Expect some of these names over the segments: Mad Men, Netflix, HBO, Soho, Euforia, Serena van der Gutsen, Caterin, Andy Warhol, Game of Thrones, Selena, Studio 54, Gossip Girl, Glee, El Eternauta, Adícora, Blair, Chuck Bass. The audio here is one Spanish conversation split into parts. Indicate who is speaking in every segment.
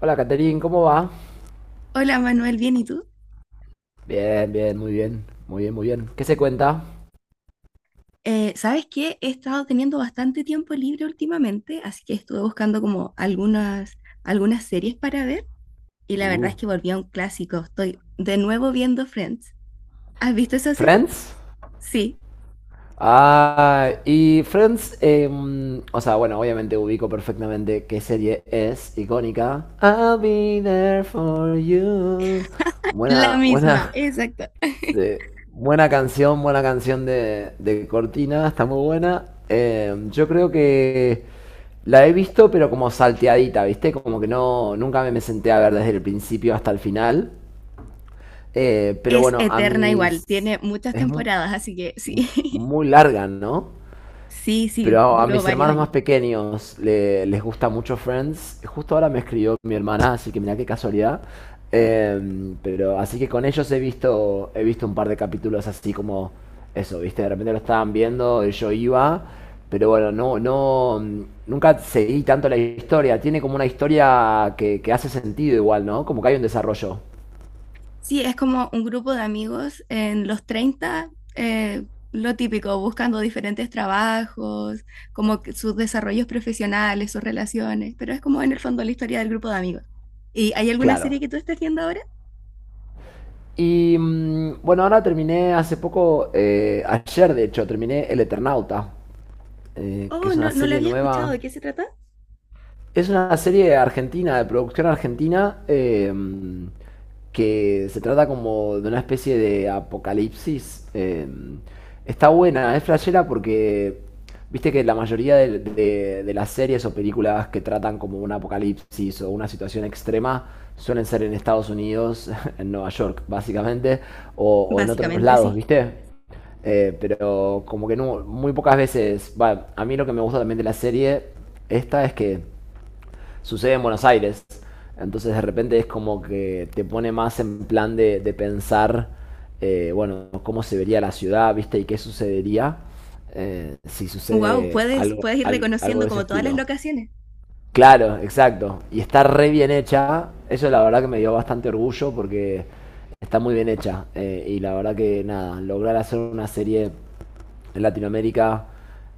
Speaker 1: Hola, Caterin, ¿cómo va?
Speaker 2: Hola Manuel, bien, ¿y tú?
Speaker 1: Bien, bien, muy bien, muy bien, muy bien. ¿Qué se cuenta?
Speaker 2: ¿Sabes qué? He estado teniendo bastante tiempo libre últimamente, así que estuve buscando como algunas series para ver y la verdad
Speaker 1: Uh,
Speaker 2: es que volví a un clásico. Estoy de nuevo viendo Friends. ¿Has visto esa serie?
Speaker 1: ¿Friends?
Speaker 2: Sí,
Speaker 1: Ah, y Friends, o sea, bueno, obviamente ubico perfectamente qué serie es icónica. I'll be there for you.
Speaker 2: la
Speaker 1: Buena,
Speaker 2: misma,
Speaker 1: buena.
Speaker 2: exacto.
Speaker 1: Sí. Buena canción de Cortina, está muy buena. Yo creo que la he visto, pero como salteadita, ¿viste? Como que no, nunca me senté a ver desde el principio hasta el final. Pero
Speaker 2: Es
Speaker 1: bueno, a
Speaker 2: eterna igual,
Speaker 1: mis...
Speaker 2: tiene muchas
Speaker 1: Es mu-
Speaker 2: temporadas, así que sí,
Speaker 1: Muy larga, ¿no?
Speaker 2: sí, sí,
Speaker 1: Pero a
Speaker 2: duró
Speaker 1: mis
Speaker 2: varios
Speaker 1: hermanos más
Speaker 2: años.
Speaker 1: pequeños les gusta mucho Friends. Justo ahora me escribió mi hermana, así que mirá qué casualidad. Pero así que con ellos he visto un par de capítulos así como eso, ¿viste? De repente lo estaban viendo, y yo iba, pero bueno, nunca seguí tanto la historia. Tiene como una historia que hace sentido igual, ¿no? Como que hay un desarrollo.
Speaker 2: Sí, es como un grupo de amigos en los 30, lo típico, buscando diferentes trabajos, como que sus desarrollos profesionales, sus relaciones, pero es como en el fondo la historia del grupo de amigos. ¿Y hay alguna serie
Speaker 1: Claro.
Speaker 2: que tú estés viendo ahora?
Speaker 1: Y bueno, ahora terminé hace poco, ayer de hecho, terminé El Eternauta. Que
Speaker 2: Oh,
Speaker 1: es una
Speaker 2: no, no la
Speaker 1: serie
Speaker 2: había escuchado,
Speaker 1: nueva.
Speaker 2: ¿de qué se trata?
Speaker 1: Es una serie argentina, de producción argentina, que se trata como de una especie de apocalipsis. Está buena, es flashera porque viste que la mayoría de las series o películas que tratan como un apocalipsis o una situación extrema suelen ser en Estados Unidos, en Nueva York, básicamente, o en otros
Speaker 2: Básicamente
Speaker 1: lados,
Speaker 2: sí.
Speaker 1: ¿viste? Pero como que no, muy pocas veces, va, a mí lo que me gusta también de la serie esta es que sucede en Buenos Aires. Entonces de repente es como que te pone más en plan de pensar. Bueno, cómo se vería la ciudad, ¿viste? Y qué sucedería, si
Speaker 2: Wow,
Speaker 1: sucede
Speaker 2: puedes,
Speaker 1: algo,
Speaker 2: puedes ir
Speaker 1: algo
Speaker 2: reconociendo
Speaker 1: de ese
Speaker 2: como todas las
Speaker 1: estilo.
Speaker 2: locaciones.
Speaker 1: Claro, exacto. Y está re bien hecha. Eso la verdad que me dio bastante orgullo porque está muy bien hecha. Y la verdad que nada, lograr hacer una serie en Latinoamérica,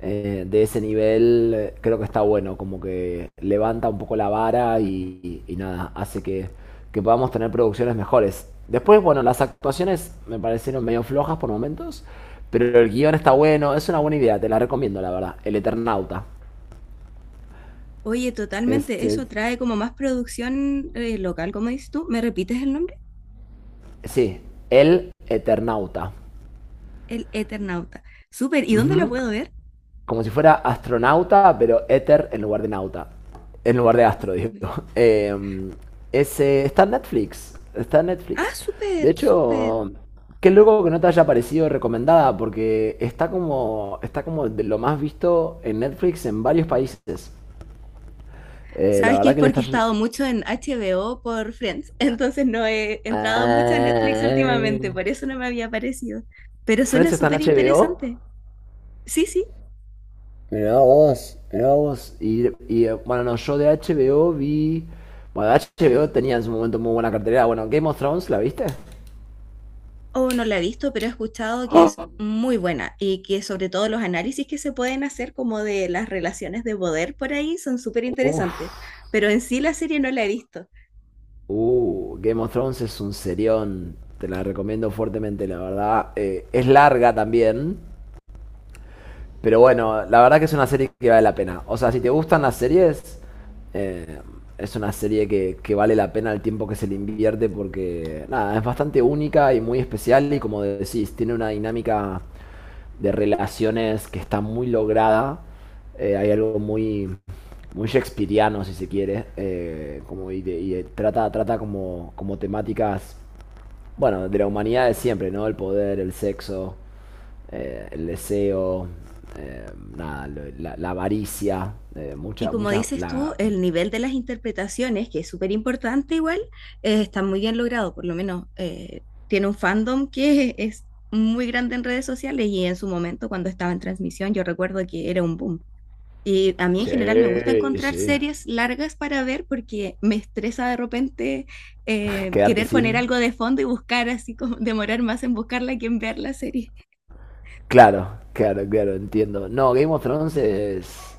Speaker 1: de ese nivel, creo que está bueno. Como que levanta un poco la vara y nada, hace que podamos tener producciones mejores. Después, bueno, las actuaciones me parecieron medio flojas por momentos, pero el guión está bueno, es una buena idea, te la recomiendo, la verdad. El Eternauta.
Speaker 2: Oye,
Speaker 1: Es,
Speaker 2: totalmente,
Speaker 1: es-
Speaker 2: eso trae como más producción local, como dices tú. ¿Me repites el nombre?
Speaker 1: Sí, el eternauta.
Speaker 2: El Eternauta. Súper, ¿y dónde lo
Speaker 1: Ujú.
Speaker 2: puedo ver?
Speaker 1: Como si fuera astronauta, pero éter en lugar de nauta. En lugar de astro, digo. Eh, Ese, está en Netflix. Está en
Speaker 2: Ah,
Speaker 1: Netflix. De
Speaker 2: súper, súper.
Speaker 1: hecho, qué loco que no te haya parecido recomendada, porque está como de lo más visto en Netflix en varios países. La
Speaker 2: Sabes que
Speaker 1: verdad
Speaker 2: es
Speaker 1: que le
Speaker 2: porque
Speaker 1: está...
Speaker 2: he
Speaker 1: yendo.
Speaker 2: estado mucho en HBO por Friends, entonces no he entrado mucho a Netflix
Speaker 1: Ah.
Speaker 2: últimamente, por eso no me había aparecido. Pero suena
Speaker 1: Friends está en
Speaker 2: súper
Speaker 1: HBO.
Speaker 2: interesante. Sí, sí,
Speaker 1: Mirá vos, mirá vos. Bueno, no, yo de HBO vi. Bueno, HBO tenía en su momento muy buena cartelera. Bueno, Game of Thrones, ¿la viste?
Speaker 2: o no la he visto, pero he escuchado que es muy buena y que sobre todo los análisis que se pueden hacer como de las relaciones de poder por ahí son súper
Speaker 1: Uf,
Speaker 2: interesantes. Pero en sí la serie no la he visto.
Speaker 1: Game of Thrones es un serión. Te la recomiendo fuertemente, la verdad. Es larga también. Pero bueno, la verdad que es una serie que vale la pena. O sea, si te gustan las series, eh, es una serie que vale la pena el tiempo que se le invierte porque, nada, es bastante única y muy especial y como decís, tiene una dinámica de relaciones que está muy lograda. Hay algo muy, muy shakespeariano, si se quiere, como y de- trata, trata como, como temáticas, bueno, de la humanidad de siempre, ¿no? El poder, el sexo, el deseo, eh, nada, la avaricia,
Speaker 2: Y
Speaker 1: mucha,
Speaker 2: como
Speaker 1: mucha,
Speaker 2: dices tú,
Speaker 1: la...
Speaker 2: el nivel de las interpretaciones, que es súper importante igual, está muy bien logrado, por lo menos tiene un fandom que es muy grande en redes sociales y en su momento cuando estaba en transmisión yo recuerdo que era un boom. Y a mí en general me gusta
Speaker 1: Sí,
Speaker 2: encontrar
Speaker 1: sí.
Speaker 2: series largas para ver porque me estresa de repente
Speaker 1: Quedarte
Speaker 2: querer poner
Speaker 1: sin.
Speaker 2: algo de fondo y buscar así como demorar más en buscarla que en ver la serie.
Speaker 1: Claro, claro, claro, entiendo. No, Game of Thrones es.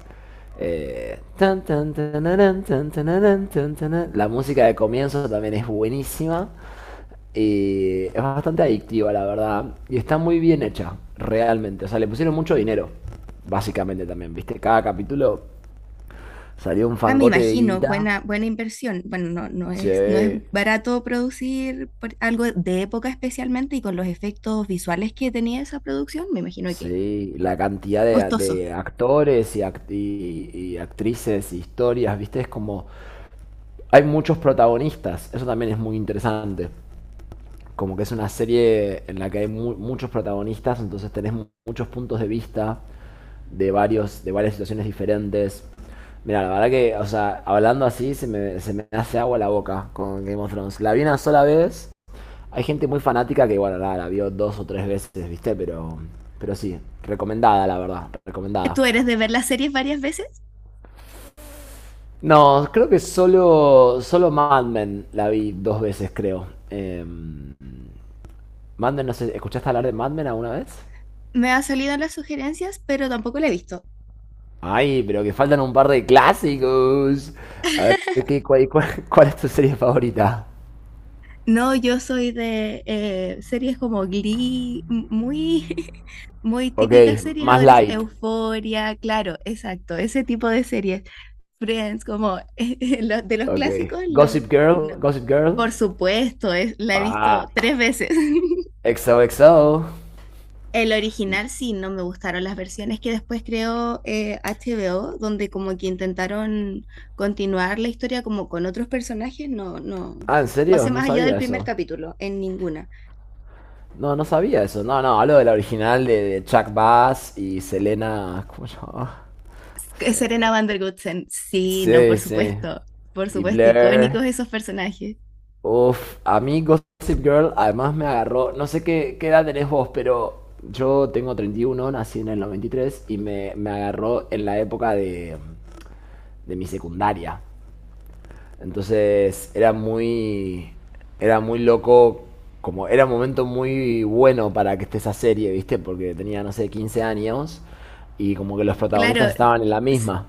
Speaker 1: Tan, tan, tanarán, tan, tanarán, tan, tanarán. La música de comienzo también es buenísima. Y es bastante adictiva, la verdad. Y está muy bien hecha, realmente. O sea, le pusieron mucho dinero, básicamente también, ¿viste? Cada capítulo salió un
Speaker 2: Ah, me
Speaker 1: fangote de
Speaker 2: imagino,
Speaker 1: guita.
Speaker 2: buena, buena inversión. Bueno, no, no
Speaker 1: Sí,
Speaker 2: es, no es barato producir algo de época especialmente y con los efectos visuales que tenía esa producción, me imagino que
Speaker 1: sí. La cantidad de,
Speaker 2: costoso.
Speaker 1: de actores y y actrices, historias, ¿viste? Es como hay muchos protagonistas, eso también es muy interesante. Como que es una serie en la que hay muchos protagonistas, entonces tenés muchos puntos de vista varios, de varias situaciones diferentes. Mira, la verdad que, o sea, hablando así se me hace agua la boca con Game of Thrones. La vi una sola vez. Hay gente muy fanática que, bueno, la vio dos o tres veces, ¿viste? Pero sí, recomendada, la verdad, recomendada.
Speaker 2: Tú eres de ver las series varias veces,
Speaker 1: No, creo que solo Mad Men la vi dos veces, creo. Mad Men, no sé, ¿escuchaste hablar de Mad Men alguna vez?
Speaker 2: me ha salido las sugerencias, pero tampoco la he visto.
Speaker 1: Ay, pero que faltan un par de clásicos. A ver, ¿ cuál es tu serie favorita?
Speaker 2: No, yo soy de series como Glee, muy, muy
Speaker 1: Ok,
Speaker 2: típicas series
Speaker 1: más
Speaker 2: adolescentes,
Speaker 1: light.
Speaker 2: Euforia, claro, exacto, ese tipo de series. Friends, como de los
Speaker 1: Ok.
Speaker 2: clásicos, los...
Speaker 1: Gossip Girl,
Speaker 2: no,
Speaker 1: Gossip Girl.
Speaker 2: por supuesto, es, la he visto
Speaker 1: Ah,
Speaker 2: tres veces.
Speaker 1: XOXO.
Speaker 2: El original sí, no me gustaron las versiones que después creó HBO, donde como que intentaron continuar la historia como con otros personajes, no, no
Speaker 1: Ah, ¿en serio?
Speaker 2: pasé
Speaker 1: No
Speaker 2: más allá del
Speaker 1: sabía
Speaker 2: primer
Speaker 1: eso.
Speaker 2: capítulo, en ninguna.
Speaker 1: No, no sabía eso. No, no, hablo de la original de Chuck Bass y Selena. ¿Cómo se llama?
Speaker 2: Que Serena van der Gutsen, sí, no,
Speaker 1: Sí, sí.
Speaker 2: por
Speaker 1: Y
Speaker 2: supuesto,
Speaker 1: Blair.
Speaker 2: icónicos esos personajes.
Speaker 1: Uf, a mí Gossip Girl además me agarró. No sé qué, qué edad tenés vos, pero yo tengo 31, nací en el 93 y me agarró en la época de mi secundaria. Entonces era muy loco, como era un momento muy bueno para que esté esa serie, ¿viste? Porque tenía, no sé, 15 años y como que los
Speaker 2: Claro,
Speaker 1: protagonistas estaban en la misma.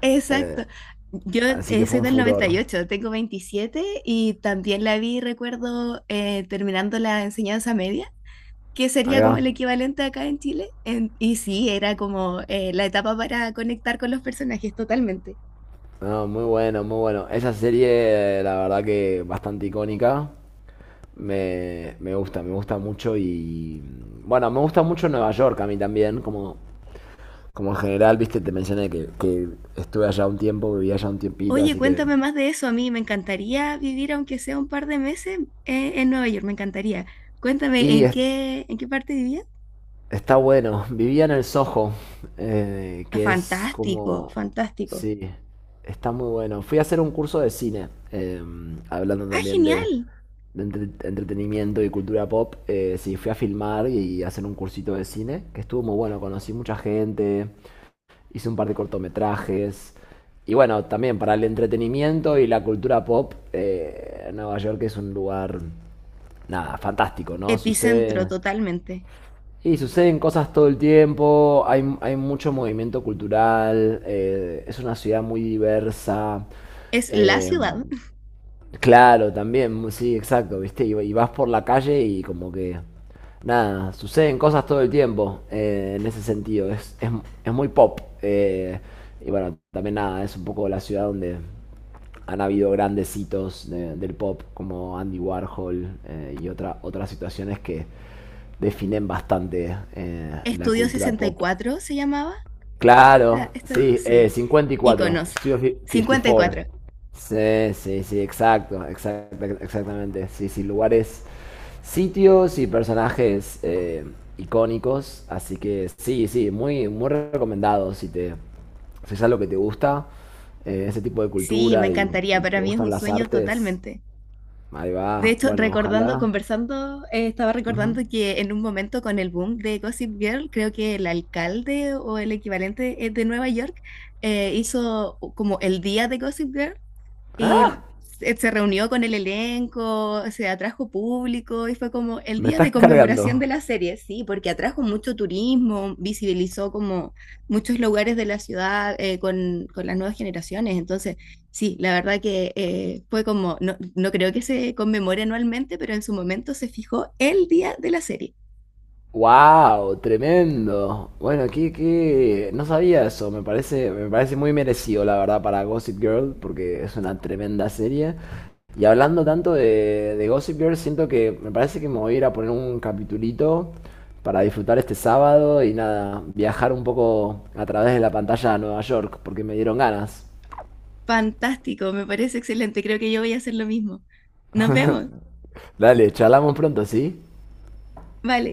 Speaker 2: exacto. Yo
Speaker 1: Así que fue
Speaker 2: soy
Speaker 1: un
Speaker 2: del noventa
Speaker 1: furor.
Speaker 2: y ocho, tengo 27 y también la vi, recuerdo, terminando la enseñanza media, que
Speaker 1: Ahí
Speaker 2: sería
Speaker 1: va.
Speaker 2: como el equivalente acá en Chile. Y sí, era como la etapa para conectar con los personajes totalmente.
Speaker 1: No, muy bueno, muy bueno. Esa serie, la verdad que bastante icónica. Me gusta mucho y... Bueno, me gusta mucho Nueva York a mí también, como, como en general, viste, te mencioné que estuve allá un tiempo, viví allá un tiempito,
Speaker 2: Oye,
Speaker 1: así que...
Speaker 2: cuéntame más de eso. A mí me encantaría vivir, aunque sea un par de meses, en Nueva York, me encantaría. Cuéntame,
Speaker 1: Y
Speaker 2: ¿en qué parte vivías?
Speaker 1: está bueno. Vivía en el Soho,
Speaker 2: Ah,
Speaker 1: que es
Speaker 2: fantástico,
Speaker 1: como...
Speaker 2: fantástico.
Speaker 1: Sí, está muy bueno. Fui a hacer un curso de cine, hablando
Speaker 2: Ah,
Speaker 1: también
Speaker 2: genial.
Speaker 1: de entretenimiento y cultura pop. Sí, fui a filmar y hacer un cursito de cine, que estuvo muy bueno. Conocí mucha gente, hice un par de cortometrajes. Y bueno, también para el entretenimiento y la cultura pop, Nueva York es un lugar, nada, fantástico, ¿no?
Speaker 2: Epicentro
Speaker 1: Sucede...
Speaker 2: totalmente.
Speaker 1: Y suceden cosas todo el tiempo, hay mucho movimiento cultural, es una ciudad muy diversa.
Speaker 2: Es la
Speaker 1: eh,
Speaker 2: ciudad.
Speaker 1: Claro, también, sí, exacto, ¿viste? Y vas por la calle y como que... Nada, suceden cosas todo el tiempo, en ese sentido, es muy pop. Y bueno, también nada, es un poco la ciudad donde han habido grandes hitos del pop como Andy Warhol, otras situaciones que definen bastante, la
Speaker 2: Estudio
Speaker 1: cultura
Speaker 2: sesenta y
Speaker 1: pop.
Speaker 2: cuatro se llamaba.
Speaker 1: Claro, sí,
Speaker 2: Sí,
Speaker 1: 54,
Speaker 2: íconos. cincuenta y
Speaker 1: 54.
Speaker 2: cuatro
Speaker 1: Sí, sí, sí, exacto, exactamente. Sí, sí, lugares, sitios y personajes, icónicos. Así que sí, sí, muy, muy recomendado si te, si es algo que te gusta, ese tipo de
Speaker 2: Sí, me
Speaker 1: cultura y
Speaker 2: encantaría. Para
Speaker 1: te
Speaker 2: mí es
Speaker 1: gustan
Speaker 2: un
Speaker 1: las
Speaker 2: sueño
Speaker 1: artes.
Speaker 2: totalmente.
Speaker 1: Ahí
Speaker 2: De
Speaker 1: va,
Speaker 2: hecho,
Speaker 1: bueno,
Speaker 2: recordando,
Speaker 1: ojalá.
Speaker 2: conversando, estaba
Speaker 1: Ujú.
Speaker 2: recordando que en un momento con el boom de Gossip Girl, creo que el alcalde o el equivalente de Nueva York hizo como el día de Gossip Girl.
Speaker 1: ¡Ah!
Speaker 2: Y se reunió con el elenco, se atrajo público y fue como el
Speaker 1: Me
Speaker 2: día de
Speaker 1: estás cargando.
Speaker 2: conmemoración de la serie, sí, porque atrajo mucho turismo, visibilizó como muchos lugares de la ciudad con las nuevas generaciones. Entonces, sí, la verdad que fue como, no, no creo que se conmemore anualmente, pero en su momento se fijó el día de la serie.
Speaker 1: Wow, tremendo. Bueno, no sabía eso. Me parece muy merecido, la verdad, para Gossip Girl, porque es una tremenda serie. Y hablando tanto de Gossip Girl, siento que me parece que me voy a ir a poner un capitulito para disfrutar este sábado y nada, viajar un poco a través de la pantalla a Nueva York, porque me dieron ganas.
Speaker 2: Fantástico, me parece excelente. Creo que yo voy a hacer lo mismo. Nos vemos.
Speaker 1: Dale, charlamos pronto, ¿sí?
Speaker 2: Vale.